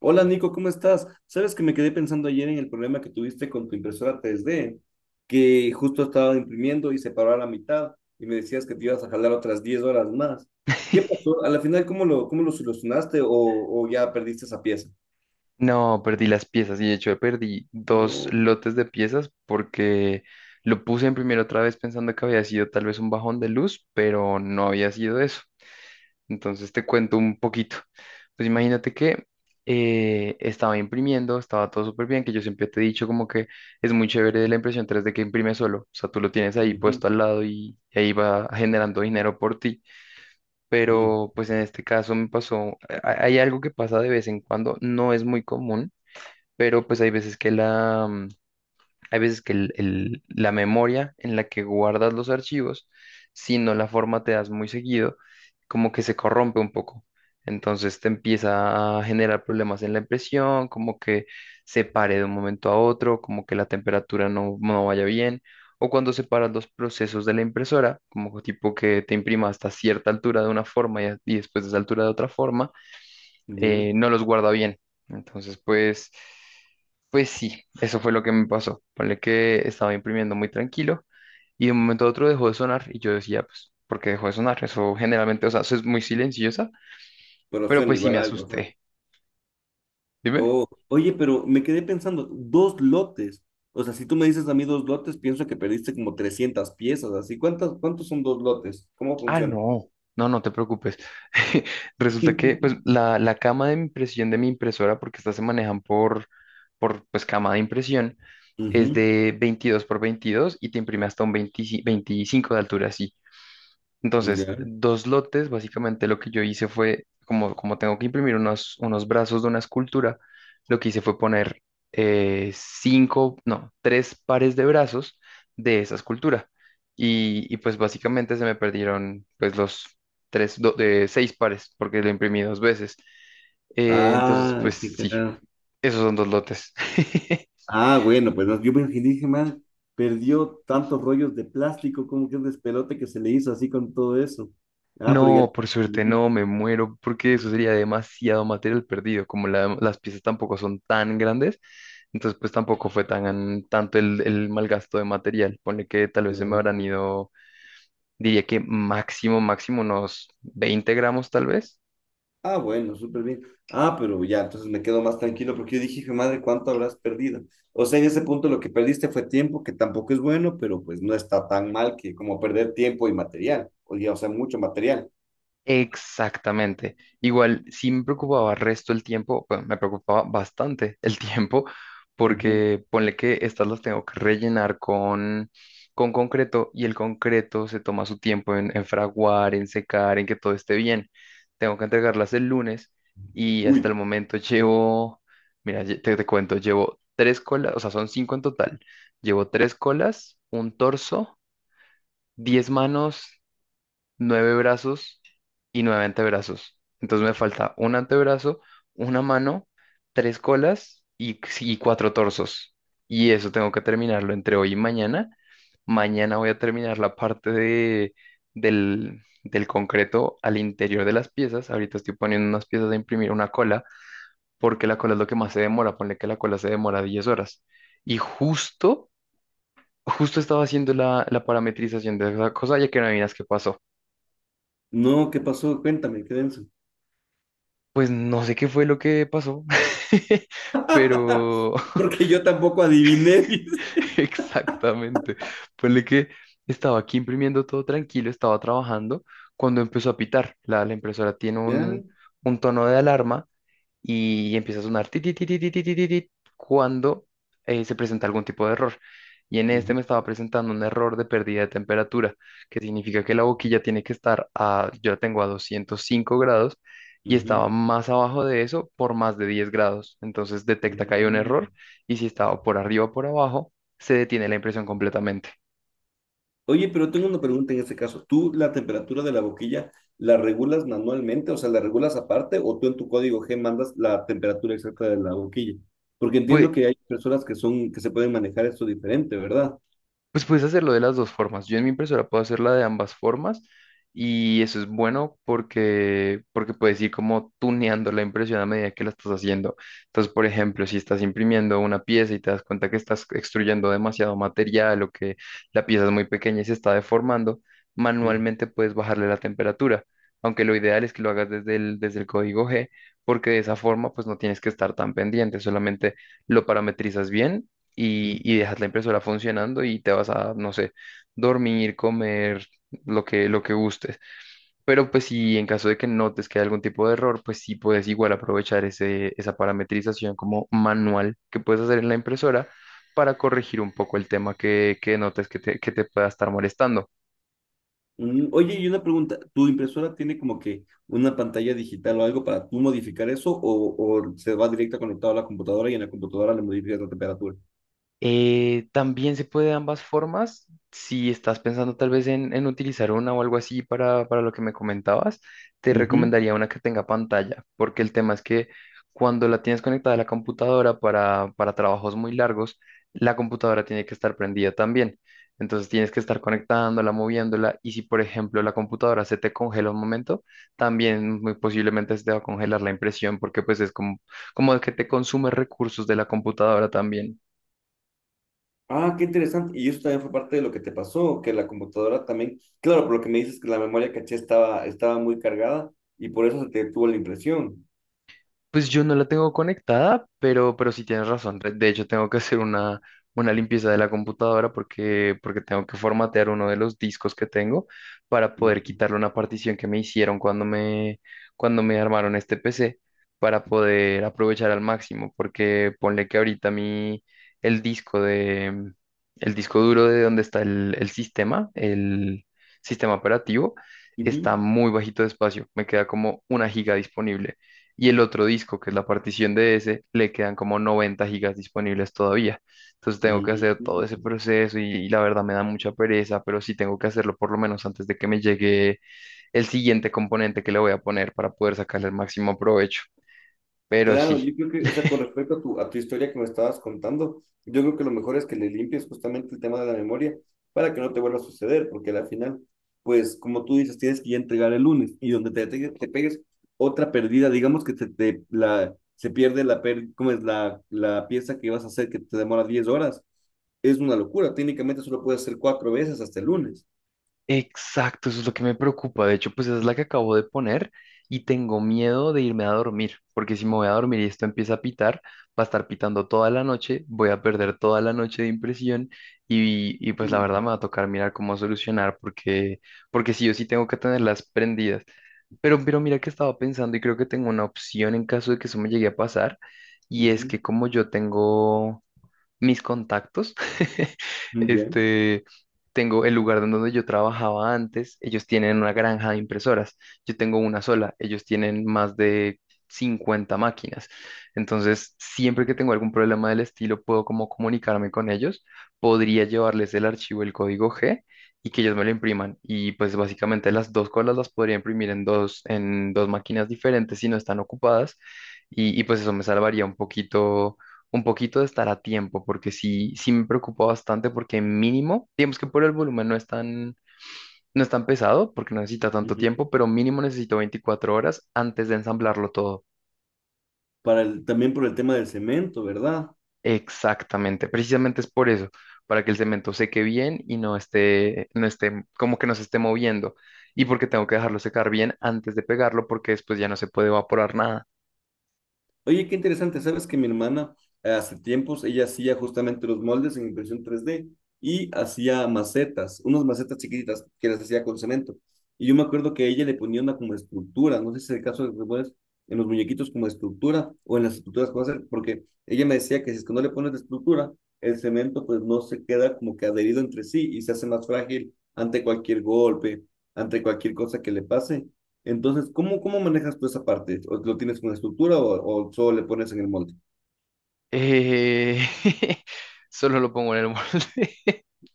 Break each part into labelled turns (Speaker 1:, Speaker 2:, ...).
Speaker 1: Hola Nico, ¿cómo estás? Sabes que me quedé pensando ayer en el problema que tuviste con tu impresora 3D, que justo estaba imprimiendo y se paró a la mitad y me decías que te ibas a jalar otras 10 horas más. ¿Qué pasó? A la final, ¿cómo lo solucionaste o ya perdiste esa pieza?
Speaker 2: No, perdí las piezas y de hecho perdí dos
Speaker 1: No.
Speaker 2: lotes de piezas porque lo puse en primero otra vez pensando que había sido tal vez un bajón de luz, pero no había sido eso. Entonces te cuento un poquito. Pues imagínate que estaba imprimiendo, estaba todo súper bien, que yo siempre te he dicho como que es muy chévere la impresión 3D que imprime solo. O sea, tú lo tienes ahí
Speaker 1: Ujú,
Speaker 2: puesto al lado y ahí va generando dinero por ti.
Speaker 1: mm,
Speaker 2: Pero pues en este caso me pasó, hay algo que pasa de vez en cuando, no es muy común pero pues hay veces que la memoria en la que guardas los archivos, si no la formateas muy seguido, como que se corrompe un poco. Entonces te empieza a generar problemas en la impresión, como que se pare de un momento a otro, como que la temperatura no vaya bien, o cuando separas los procesos de la impresora, como tipo que te imprima hasta cierta altura de una forma y después de esa altura de otra forma
Speaker 1: ya.
Speaker 2: no los guarda bien. Entonces, pues sí, eso fue lo que me pasó. Ponle que estaba imprimiendo muy tranquilo y de un momento a otro dejó de sonar y yo decía, pues, ¿por qué dejó de sonar? Eso generalmente, o sea, eso es muy silenciosa,
Speaker 1: Pero
Speaker 2: pero
Speaker 1: suena
Speaker 2: pues sí me
Speaker 1: igual a algo. Ajá.
Speaker 2: asusté. Dime.
Speaker 1: Oh, oye, pero me quedé pensando, dos lotes. O sea, si tú me dices a mí dos lotes, pienso que perdiste como 300 piezas. Así, ¿cuántos son dos lotes? ¿Cómo
Speaker 2: Ah,
Speaker 1: funciona?
Speaker 2: no. No, no te preocupes. Resulta que pues la cama de impresión de mi impresora, porque estas se manejan por pues cama de impresión, es
Speaker 1: Ujú,
Speaker 2: de 22 por 22 y te imprime hasta un veinte veinticinco de altura, sí. Entonces,
Speaker 1: ya.
Speaker 2: dos lotes, básicamente lo que yo hice fue, como tengo que imprimir unos brazos de una escultura, lo que hice fue poner cinco, no, tres pares de brazos de esa escultura. Y pues básicamente se me perdieron pues los tres, de seis pares, porque lo imprimí dos veces. Entonces,
Speaker 1: Ah,
Speaker 2: pues
Speaker 1: qué
Speaker 2: sí,
Speaker 1: cagado.
Speaker 2: esos son dos lotes.
Speaker 1: Ah, bueno, pues no, yo me imaginé, dije, man, perdió tantos rollos de plástico, como que un despelote que se le hizo así con todo eso. Ah, pero ya.
Speaker 2: No, por suerte
Speaker 1: Mm,
Speaker 2: no, me muero, porque eso sería demasiado material perdido, como las piezas tampoco son tan grandes, entonces pues tampoco fue tanto el mal gasto de material, ponle que tal vez se me habrán
Speaker 1: claro.
Speaker 2: ido, diría que máximo, máximo unos 20 gramos tal vez.
Speaker 1: Ah, bueno, súper bien. Ah, pero ya, entonces me quedo más tranquilo porque yo dije, hijo de madre, ¿cuánto habrás perdido? O sea, en ese punto lo que perdiste fue tiempo, que tampoco es bueno, pero pues no está tan mal que como perder tiempo y material, o ya, o sea, mucho material.
Speaker 2: Exactamente. Igual, sí me preocupaba resto el tiempo, bueno, me preocupaba bastante el tiempo,
Speaker 1: Ujú.
Speaker 2: porque ponle que estas las tengo que rellenar con concreto y el concreto se toma su tiempo en fraguar, en secar, en que todo esté bien. Tengo que entregarlas el lunes y
Speaker 1: Uy,
Speaker 2: hasta el momento llevo, mira, te cuento, llevo tres colas, o sea, son cinco en total. Llevo tres colas, un torso, 10 manos, nueve brazos y nueve antebrazos. Entonces me falta un antebrazo, una mano, tres colas y cuatro torsos. Y eso tengo que terminarlo entre hoy y mañana. Mañana voy a terminar la parte del concreto al interior de las piezas. Ahorita estoy poniendo unas piezas a imprimir una cola, porque la cola es lo que más se demora. Ponle que la cola se demora 10 horas. Y justo estaba haciendo la parametrización de esa cosa, ya que no adivinas qué pasó.
Speaker 1: no, ¿qué pasó? Cuéntame, qué denso.
Speaker 2: Pues no sé qué fue lo que pasó, pero
Speaker 1: Porque yo tampoco adiviné.
Speaker 2: exactamente. Ponle que estaba aquí imprimiendo todo tranquilo, estaba trabajando cuando empezó a pitar. La impresora tiene
Speaker 1: Ya.
Speaker 2: un tono de alarma y empieza a sonar ti, ti, ti, ti, ti, ti, ti, ti, ti, cuando se presenta algún tipo de error. Y en este
Speaker 1: Ujú,
Speaker 2: me estaba presentando un error de pérdida de temperatura, que significa que la boquilla tiene que estar a, yo la tengo a 205 grados y estaba
Speaker 1: ujú,
Speaker 2: más abajo de eso por más de 10 grados. Entonces detecta que hay un
Speaker 1: ujú.
Speaker 2: error y si estaba por arriba o por abajo, se detiene la impresión completamente.
Speaker 1: Oye, pero tengo una pregunta en este caso. ¿Tú la temperatura de la boquilla la regulas manualmente? O sea, ¿la regulas aparte o tú en tu código G mandas la temperatura exacta de la boquilla? Porque
Speaker 2: Pues
Speaker 1: entiendo que hay personas que son, que se pueden manejar esto diferente, ¿verdad?
Speaker 2: Pues puedes hacerlo de las dos formas. Yo en mi impresora puedo hacerla de ambas formas y eso es bueno porque puedes ir como tuneando la impresión a medida que la estás haciendo. Entonces, por ejemplo, si estás imprimiendo una pieza y te das cuenta que estás extruyendo demasiado material o que la pieza es muy pequeña y se está deformando,
Speaker 1: Ujú,
Speaker 2: manualmente puedes bajarle la temperatura. Aunque lo ideal es que lo hagas desde el código G, porque de esa forma pues no tienes que estar tan pendiente, solamente lo parametrizas bien y,
Speaker 1: ujú.
Speaker 2: y dejas la impresora funcionando y te vas a, no sé, dormir, comer, lo que gustes. Pero pues si en caso de que notes que hay algún tipo de error, pues sí puedes igual aprovechar ese, esa parametrización como manual que puedes hacer en la impresora para corregir un poco el tema que notes que te pueda estar molestando.
Speaker 1: Oye, y una pregunta, ¿tu impresora tiene como que una pantalla digital o algo para tú modificar eso o se va directo conectado a la computadora y en la computadora le modificas la temperatura?
Speaker 2: También se puede de ambas formas. Si estás pensando tal vez en utilizar una o algo así para lo que me comentabas, te
Speaker 1: Ujú.
Speaker 2: recomendaría una que tenga pantalla, porque el tema es que cuando la tienes conectada a la computadora para trabajos muy largos, la computadora tiene que estar prendida también. Entonces tienes que estar conectándola, moviéndola, y si por ejemplo la computadora se te congela un momento, también muy posiblemente se te va a congelar la impresión, porque pues es como que te consume recursos de la computadora también.
Speaker 1: Ah, qué interesante. Y eso también fue parte de lo que te pasó, que la computadora también, claro, por lo que me dices que la memoria caché estaba muy cargada y por eso se te tuvo la impresión.
Speaker 2: Pues yo no la tengo conectada, pero sí tienes razón. De hecho, tengo que hacer una limpieza de la computadora porque tengo que formatear uno de los discos que tengo para poder quitarle una partición que me hicieron cuando me armaron este PC para poder aprovechar al máximo. Porque ponle que ahorita mi, el disco de, el disco duro de donde está el sistema operativo, está
Speaker 1: Ujú.
Speaker 2: muy bajito de espacio. Me queda como una giga disponible y el otro disco, que es la partición de ese, le quedan como 90 gigas disponibles todavía. Entonces tengo que
Speaker 1: Ujú.
Speaker 2: hacer todo ese proceso y la verdad me da mucha pereza, pero sí tengo que hacerlo por lo menos antes de que me llegue el siguiente componente que le voy a poner para poder sacarle el máximo provecho. Pero
Speaker 1: Claro,
Speaker 2: sí.
Speaker 1: yo creo que, o sea, con respecto a a tu historia que me estabas contando, yo creo que lo mejor es que le limpies justamente el tema de la memoria para que no te vuelva a suceder, porque al final, pues, como tú dices, tienes que ya entregar el lunes y donde te pegues otra pérdida, digamos que se pierde ¿cómo es? La pieza que vas a hacer que te demora 10 horas, es una locura. Técnicamente solo puedes hacer cuatro veces hasta el lunes.
Speaker 2: Exacto, eso es lo que me preocupa. De hecho, pues esa es la que acabo de poner y tengo miedo de irme a dormir, porque si me voy a dormir y esto empieza a pitar, va a estar pitando toda la noche, voy a perder toda la noche de impresión y pues la
Speaker 1: Mm,
Speaker 2: verdad me va a tocar mirar cómo solucionar, porque sí, yo sí tengo que tenerlas prendidas. Pero mira que estaba pensando y creo que tengo una opción en caso de que eso me llegue a pasar, y es
Speaker 1: ujú,
Speaker 2: que como yo tengo mis contactos.
Speaker 1: muy bien,
Speaker 2: Este, tengo el lugar en donde yo trabajaba antes, ellos tienen una granja de impresoras, yo tengo una sola, ellos tienen más de 50 máquinas. Entonces, siempre que tengo algún problema del estilo, puedo como comunicarme con ellos, podría llevarles el archivo, el código G y que ellos me lo impriman. Y pues básicamente las dos colas las podría imprimir en dos máquinas diferentes si no están ocupadas. Y pues eso me salvaría un poquito de estar a tiempo, porque sí, sí me preocupa bastante, porque mínimo, digamos que por el volumen no es tan, no es tan pesado, porque no necesita tanto
Speaker 1: ujú.
Speaker 2: tiempo, pero mínimo necesito 24 horas antes de ensamblarlo todo.
Speaker 1: También por el tema del cemento, ¿verdad?
Speaker 2: Exactamente, precisamente es por eso, para que el cemento seque bien y no esté, como que no se esté moviendo, y porque tengo que dejarlo secar bien antes de pegarlo, porque después ya no se puede evaporar nada.
Speaker 1: Oye, qué interesante, sabes que mi hermana hace tiempos, ella hacía justamente los moldes en impresión 3D y hacía macetas, unas macetas chiquititas que las hacía con cemento. Y yo me acuerdo que ella le ponía una como estructura, no sé si es el caso de los muñecos, en los muñequitos como estructura o en las estructuras que vas a hacer, porque ella me decía que si es que no le pones la estructura, el cemento pues no se queda como que adherido entre sí y se hace más frágil ante cualquier golpe, ante cualquier cosa que le pase. Entonces, ¿cómo manejas tú esa parte? ¿O lo tienes con estructura o solo le pones en el molde?
Speaker 2: Eh, Solo lo pongo en el molde.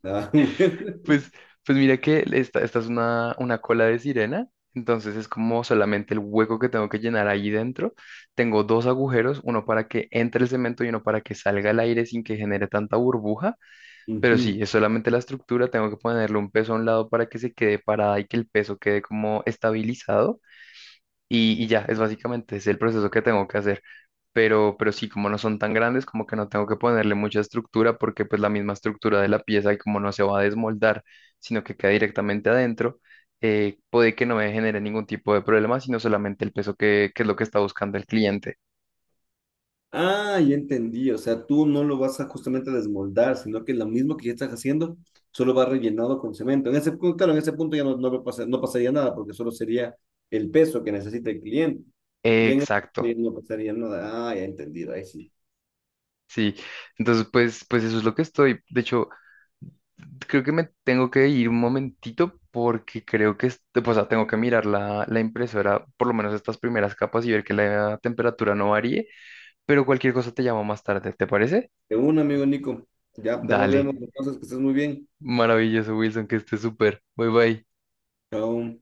Speaker 1: Ah, bueno.
Speaker 2: Pues, pues, mira que esta es una cola de sirena, entonces es como solamente el hueco que tengo que llenar ahí dentro. Tengo dos agujeros, uno para que entre el cemento y uno para que salga el aire sin que genere tanta burbuja, pero sí,
Speaker 1: Ujú.
Speaker 2: es solamente la estructura, tengo que ponerle un peso a un lado para que se quede parada y que el peso quede como estabilizado y ya, es básicamente es el proceso que tengo que hacer pero sí, como no son tan grandes, como que no tengo que ponerle mucha estructura porque pues la misma estructura de la pieza y como no se va a desmoldar, sino que queda directamente adentro, puede que no me genere ningún tipo de problema, sino solamente el peso que es lo que está buscando el cliente.
Speaker 1: Ah, ya entendí. O sea, tú no lo vas a justamente desmoldar, sino que lo mismo que ya estás haciendo, solo va rellenado con cemento. En ese, claro, en ese punto ya no, no pasaría nada, porque solo sería el peso que necesita el cliente. Ya en
Speaker 2: Exacto.
Speaker 1: ese no pasaría nada. Ah, ya entendido. Ahí sí.
Speaker 2: Sí, entonces pues eso es lo que estoy. De hecho, creo que me tengo que ir un momentito porque creo que, o sea, tengo que mirar la impresora, por lo menos estas primeras capas y ver que la temperatura no varíe, pero cualquier cosa te llamo más tarde, ¿te parece?
Speaker 1: De un amigo Nico. Ya, ya nos
Speaker 2: Dale,
Speaker 1: vemos. Entonces, que estés muy bien.
Speaker 2: maravilloso, Wilson, que estés súper. Bye bye.
Speaker 1: Chao.